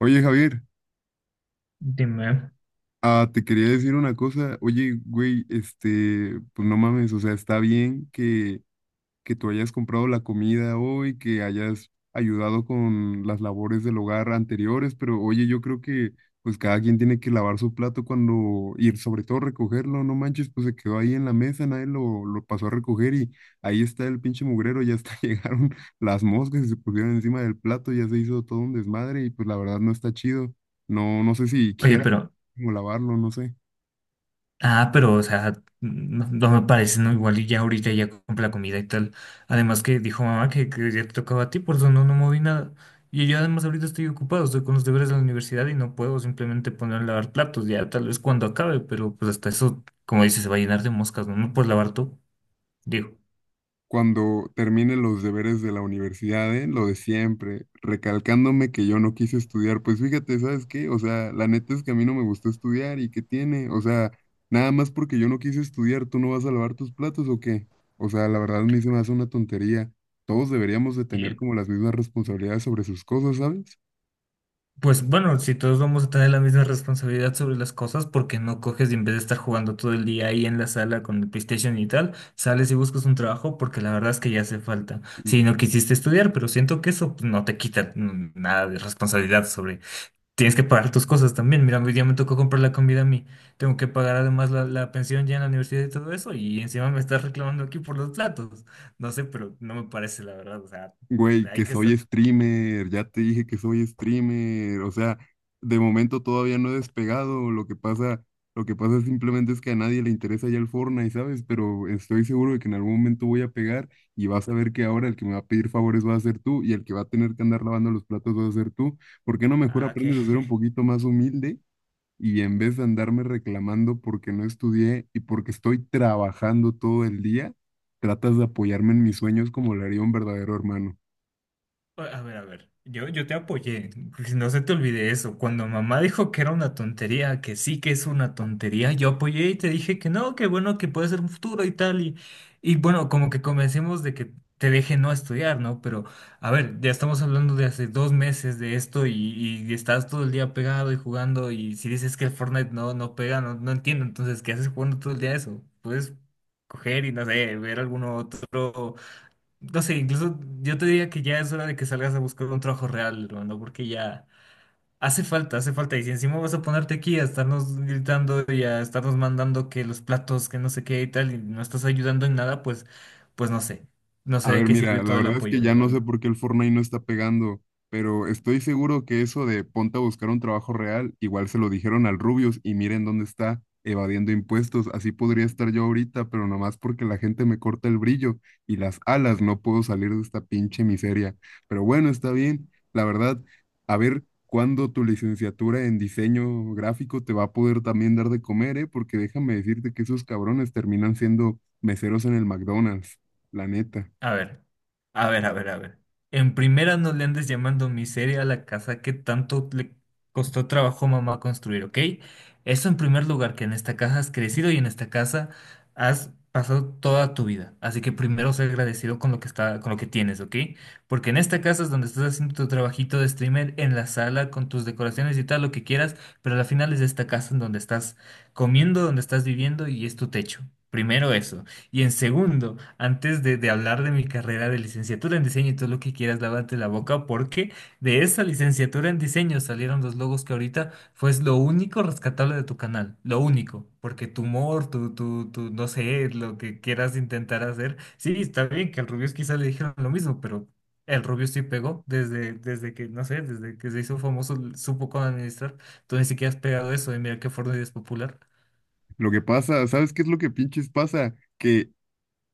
Oye, Javier, Dime. ah, te quería decir una cosa. Oye, güey, pues no mames, o sea, está bien que tú hayas comprado la comida hoy, que hayas ayudado con las labores del hogar anteriores, pero oye, yo creo que pues cada quien tiene que lavar su plato cuando, y sobre todo recogerlo, no manches, pues se quedó ahí en la mesa, nadie lo pasó a recoger y ahí está el pinche mugrero, ya hasta llegaron las moscas y se pusieron encima del plato, ya se hizo todo un desmadre y pues la verdad no está chido. No, no sé si Oye, quieras pero, como lavarlo, no sé. ah, pero, o sea, no me parece, ¿no? Igual y ya ahorita ya compra la comida y tal. Además que dijo mamá que ya te tocaba a ti, por eso no moví nada. Y yo además ahorita estoy ocupado, estoy con los deberes de la universidad y no puedo simplemente poner a lavar platos, ya tal vez cuando acabe, pero pues hasta eso, como dices, se va a llenar de moscas, ¿no? No puedes lavar tú, digo. Cuando termine los deberes de la universidad, ¿eh? Lo de siempre, recalcándome que yo no quise estudiar, pues fíjate, ¿sabes qué? O sea, la neta es que a mí no me gustó estudiar y qué tiene, o sea, nada más porque yo no quise estudiar, ¿tú no vas a lavar tus platos o qué? O sea, la verdad a mí se me hace una tontería. Todos deberíamos de tener como las mismas responsabilidades sobre sus cosas, ¿sabes? Pues bueno, si todos vamos a tener la misma responsabilidad sobre las cosas, porque no coges y en vez de estar jugando todo el día ahí en la sala con el PlayStation y tal, sales y buscas un trabajo porque la verdad es que ya hace falta. Si no quisiste estudiar, pero siento que eso pues, no te quita nada de responsabilidad sobre... Tienes que pagar tus cosas también. Mira, hoy día me tocó comprar la comida a mí. Tengo que pagar además la pensión ya en la universidad y todo eso, y encima me estás reclamando aquí por los platos. No sé, pero no me parece la verdad. O sea, Güey, hay que que soy ser... streamer, ya te dije que soy streamer, o sea, de momento todavía no he despegado, lo que pasa simplemente es que a nadie le interesa ya el Fortnite, ¿sabes? Pero estoy seguro de que en algún momento voy a pegar y vas a ver que ahora el que me va a pedir favores va a ser tú y el que va a tener que andar lavando los platos va a ser tú. ¿Por qué no mejor Ah, ok. aprendes a ser un poquito más humilde y en vez de andarme reclamando porque no estudié y porque estoy trabajando todo el día, tratas de apoyarme en mis sueños como lo haría un verdadero hermano? A ver, yo te apoyé, que no se te olvide eso. Cuando mamá dijo que era una tontería, que sí que es una tontería, yo apoyé y te dije que no, que bueno, que puede ser un futuro y tal. Y bueno, como que convencimos de que te deje no estudiar, ¿no? Pero, a ver, ya estamos hablando de hace 2 meses de esto y estás todo el día pegado y jugando y si dices que el Fortnite no pega, no entiendo. Entonces, ¿qué haces jugando todo el día eso? Puedes coger y no sé, ver algún otro. No sé, incluso yo te diría que ya es hora de que salgas a buscar un trabajo real, hermano, ¿no? Porque ya hace falta, hace falta. Y si encima vas a ponerte aquí a estarnos gritando y a estarnos mandando que los platos, que no sé qué y tal, y no estás ayudando en nada, pues, pues no sé. No A sé de ver, qué mira, sirvió la todo el verdad es que apoyo, la ya no sé verdad. por qué el Fortnite no está pegando, pero estoy seguro que eso de ponte a buscar un trabajo real, igual se lo dijeron al Rubius y miren dónde está, evadiendo impuestos. Así podría estar yo ahorita, pero nomás porque la gente me corta el brillo y las alas, no puedo salir de esta pinche miseria. Pero bueno, está bien, la verdad, a ver cuándo tu licenciatura en diseño gráfico te va a poder también dar de comer, ¿eh? Porque déjame decirte que esos cabrones terminan siendo meseros en el McDonald's, la neta. A ver, a ver, a ver, a ver. En primera no le andes llamando miseria a la casa que tanto le costó trabajo a mamá construir, ¿ok? Eso en primer lugar, que en esta casa has crecido y en esta casa has pasado toda tu vida. Así que primero sé agradecido con lo que está, con lo que tienes, ¿ok? Porque en esta casa es donde estás haciendo tu trabajito de streamer, en la sala, con tus decoraciones y tal, lo que quieras, pero al final es esta casa en donde estás comiendo, donde estás viviendo y es tu techo. Primero eso. Y en segundo, antes de hablar de mi carrera de licenciatura en diseño y todo lo que quieras, lávate la boca porque de esa licenciatura en diseño salieron los logos que ahorita fue lo único rescatable de tu canal, lo único, porque tu humor, tu, no sé, lo que quieras intentar hacer, sí, está bien que al Rubius quizás le dijeron lo mismo, pero el Rubius sí pegó desde, que, no sé, desde que se hizo famoso, supo cómo administrar, tú ni siquiera has pegado eso y mira qué forma de popular. Lo que pasa, ¿sabes qué es lo que pinches pasa? Que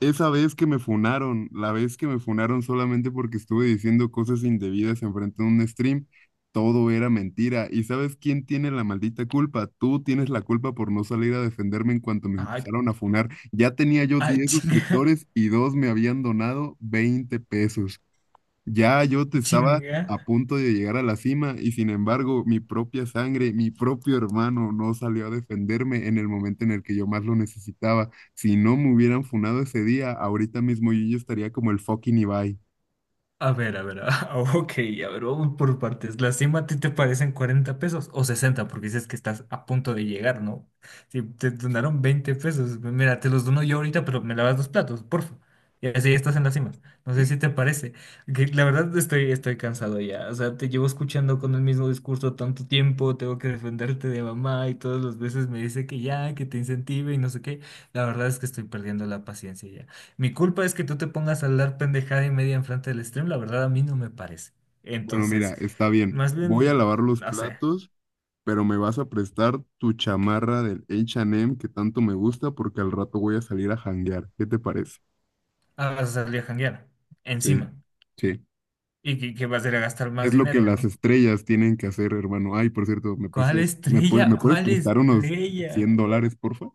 esa vez que me funaron, la vez que me funaron solamente porque estuve diciendo cosas indebidas enfrente de un stream, todo era mentira. ¿Y sabes quién tiene la maldita culpa? Tú tienes la culpa por no salir a defenderme en cuanto me Ay, empezaron a funar. Ya tenía yo ay, 10 chinga, suscriptores y dos me habían donado 20 pesos. Ya yo te estaba chinga. a punto de llegar a la cima y sin embargo mi propia sangre, mi propio hermano no salió a defenderme en el momento en el que yo más lo necesitaba. Si no me hubieran funado ese día, ahorita mismo yo ya estaría como el fucking Ibai. A ver, ok, a ver, vamos por partes. ¿La cima a ti te parecen 40 pesos o 60? Porque dices que estás a punto de llegar, ¿no? Si te donaron 20 pesos, mira, te los dono yo ahorita, pero me lavas los platos, porfa. Y así estás en la cima. No sé si te parece. Que la verdad estoy cansado ya. O sea, te llevo escuchando con el mismo discurso tanto tiempo, tengo que defenderte de mamá y todas las veces me dice que ya, que te incentive y no sé qué. La verdad es que estoy perdiendo la paciencia, mi culpa es que tú te pongas a hablar pendejada y media enfrente del stream, la verdad a mí no me parece. Bueno, mira, Entonces, está bien. más Voy a bien, lavar los no sé, platos, pero me vas a prestar tu chamarra del H&M que tanto me gusta porque al rato voy a salir a janguear. ¿Qué te parece? ah, vas a salir a janguear Sí, encima sí. y que vas a ir a gastar más Es lo que dinero, las ¿no? estrellas tienen que hacer, hermano. Ay, por cierto, ¿me ¿Cuál prestas, me puedes, me estrella? puedes ¿Cuál prestar unos estrella? 100 dólares, porfa?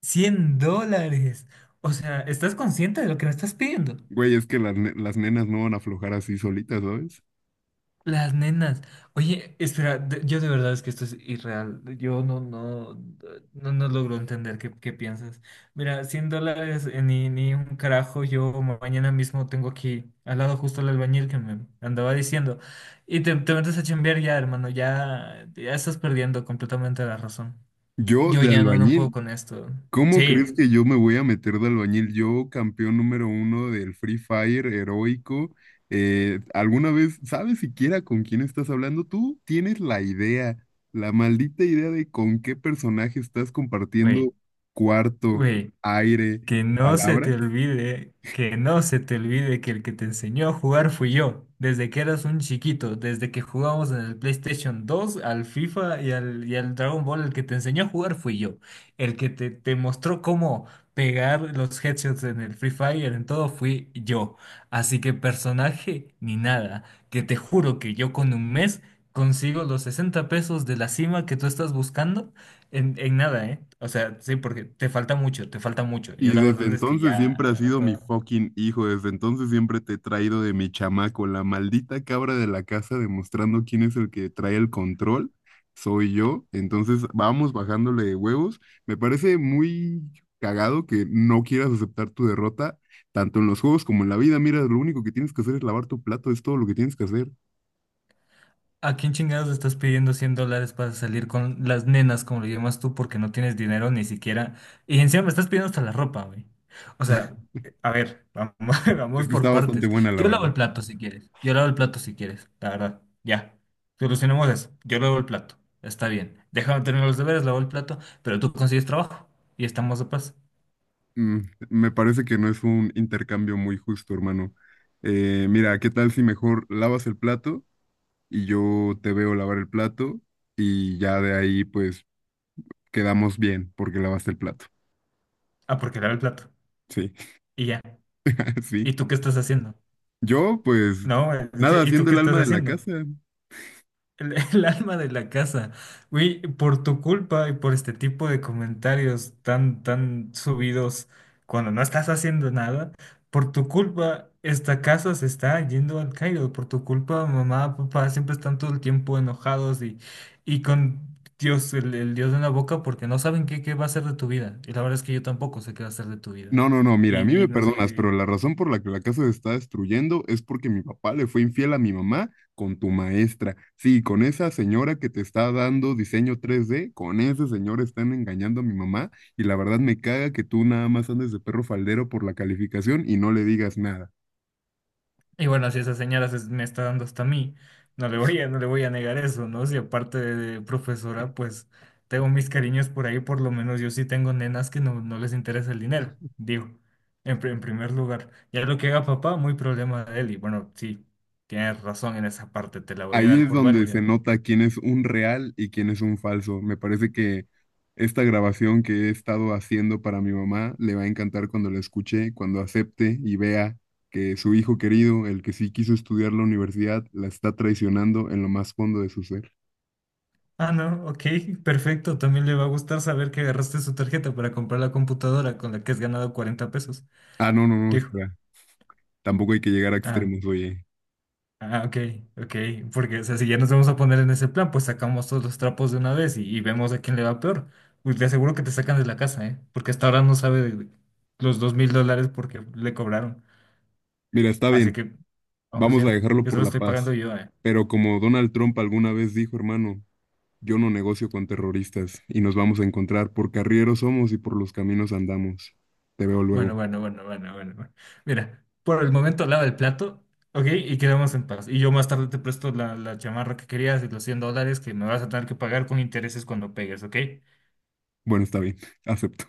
100 dólares. O sea, ¿estás consciente de lo que me estás pidiendo? Güey, es que las nenas no van a aflojar así solitas, ¿sabes? Las nenas. Oye, espera, yo de verdad es que esto es irreal. Yo no logro entender qué, piensas. Mira, 100 dólares, ni un carajo. Yo mañana mismo tengo aquí al lado justo el albañil que me andaba diciendo. Y te metes a chambear ya, hermano. Ya, ya estás perdiendo completamente la razón. Yo Yo de ya no puedo albañil, con esto. ¿cómo crees Sí, que yo me voy a meter de albañil? Yo, campeón número uno del Free Fire, heroico. ¿Alguna vez sabes siquiera con quién estás hablando? Tú tienes la idea, la maldita idea de con qué personaje estás güey, compartiendo cuarto, güey. aire, Que no se palabra. te olvide, que no se te olvide que el que te enseñó a jugar fui yo, desde que eras un chiquito, desde que jugábamos en el PlayStation 2, al FIFA y al Dragon Ball, el que te enseñó a jugar fui yo, el que te mostró cómo pegar los headshots en el Free Fire, en todo fui yo. Así que personaje ni nada, que te juro que yo con un mes consigo los 60 pesos de la cima que tú estás buscando en, nada, ¿eh? O sea, sí, porque te falta mucho, te falta mucho. Yo Y la desde verdad es que entonces ya siempre has no sido mi puedo. fucking hijo, desde entonces siempre te he traído de mi chamaco, la maldita cabra de la casa demostrando quién es el que trae el control, soy yo, entonces vamos bajándole de huevos. Me parece muy cagado que no quieras aceptar tu derrota, tanto en los juegos como en la vida, mira, lo único que tienes que hacer es lavar tu plato, es todo lo que tienes que hacer. ¿A quién chingados estás pidiendo 100 dólares para salir con las nenas, como lo llamas tú, porque no tienes dinero ni siquiera? Y encima me estás pidiendo hasta la ropa, güey. O sea, a ver, vamos, Es vamos que está por bastante partes. buena, la Yo lavo verdad. el plato si quieres. Yo lavo el plato si quieres, la verdad. Ya. Solucionemos eso. Yo lavo el plato. Está bien. Déjame terminar los deberes, lavo el plato, pero tú consigues trabajo y estamos de paz. Mm, Me parece que no es un intercambio muy justo, hermano. Mira, ¿qué tal si mejor lavas el plato? Y yo te veo lavar el plato y ya de ahí pues quedamos bien porque lavaste el plato. Ah, porque lavo el plato. Sí, Y ya. sí. ¿Y tú qué estás haciendo? Yo pues No, este, nada, ¿y tú haciendo qué el estás alma de la haciendo? casa. El alma de la casa. Güey, por tu culpa y por este tipo de comentarios tan, tan subidos cuando no estás haciendo nada, por tu culpa esta casa se está yendo al caído. Por tu culpa, mamá, papá siempre están todo el tiempo enojados y con Dios, el Dios en la boca, porque no saben qué va a ser de tu vida. Y la verdad es que yo tampoco sé qué va a ser de tu vida. No, no, no, mira, a mí Y, me y no sé perdonas, si... pero la razón por la que la casa se está destruyendo es porque mi papá le fue infiel a mi mamá con tu maestra. Sí, con esa señora que te está dando diseño 3D con ese señor están engañando a mi mamá y la verdad me caga que tú nada más andes de perro faldero por la calificación y no le digas nada. Y bueno, si esa señora me está dando hasta a mí, no le voy a negar eso, ¿no? Si aparte de profesora, pues tengo mis cariños por ahí, por lo menos yo sí tengo nenas que no les interesa el dinero, digo, en primer lugar. Ya lo que haga papá, muy problema de él. Y bueno, sí, tienes razón en esa parte, te la voy a Ahí dar es por donde se válida. nota quién es un real y quién es un falso. Me parece que esta grabación que he estado haciendo para mi mamá le va a encantar cuando la escuche, cuando acepte y vea que su hijo querido, el que sí quiso estudiar la universidad, la está traicionando en lo más fondo de su ser. Ah, no, ok, perfecto. También le va a gustar saber que agarraste su tarjeta para comprar la computadora con la que has ganado 40 pesos. Ah, no, no, no, Dijo, espera. Tampoco hay que llegar a ah. extremos, oye. Ah, ok, ok, porque, o sea, si ya nos vamos a poner en ese plan, pues sacamos todos los trapos de una vez y vemos a quién le va peor. Uy, te aseguro que te sacan de la casa, ¿eh? Porque hasta ahora no sabe de los 2,000 dólares porque le cobraron. Mira, está Así bien, que vamos vamos a viendo, dejarlo que por solo la estoy paz. pagando yo, ¿eh? Pero como Donald Trump alguna vez dijo, hermano, yo no negocio con terroristas y nos vamos a encontrar por carrieros somos y por los caminos andamos. Te veo Bueno, luego. bueno, bueno, bueno, bueno, bueno. Mira, por el momento lava el plato, ¿ok? Y quedamos en paz. Y yo más tarde te presto la chamarra que querías y los 100 dólares que me vas a tener que pagar con intereses cuando pegues, ¿ok? Bueno, está bien, acepto.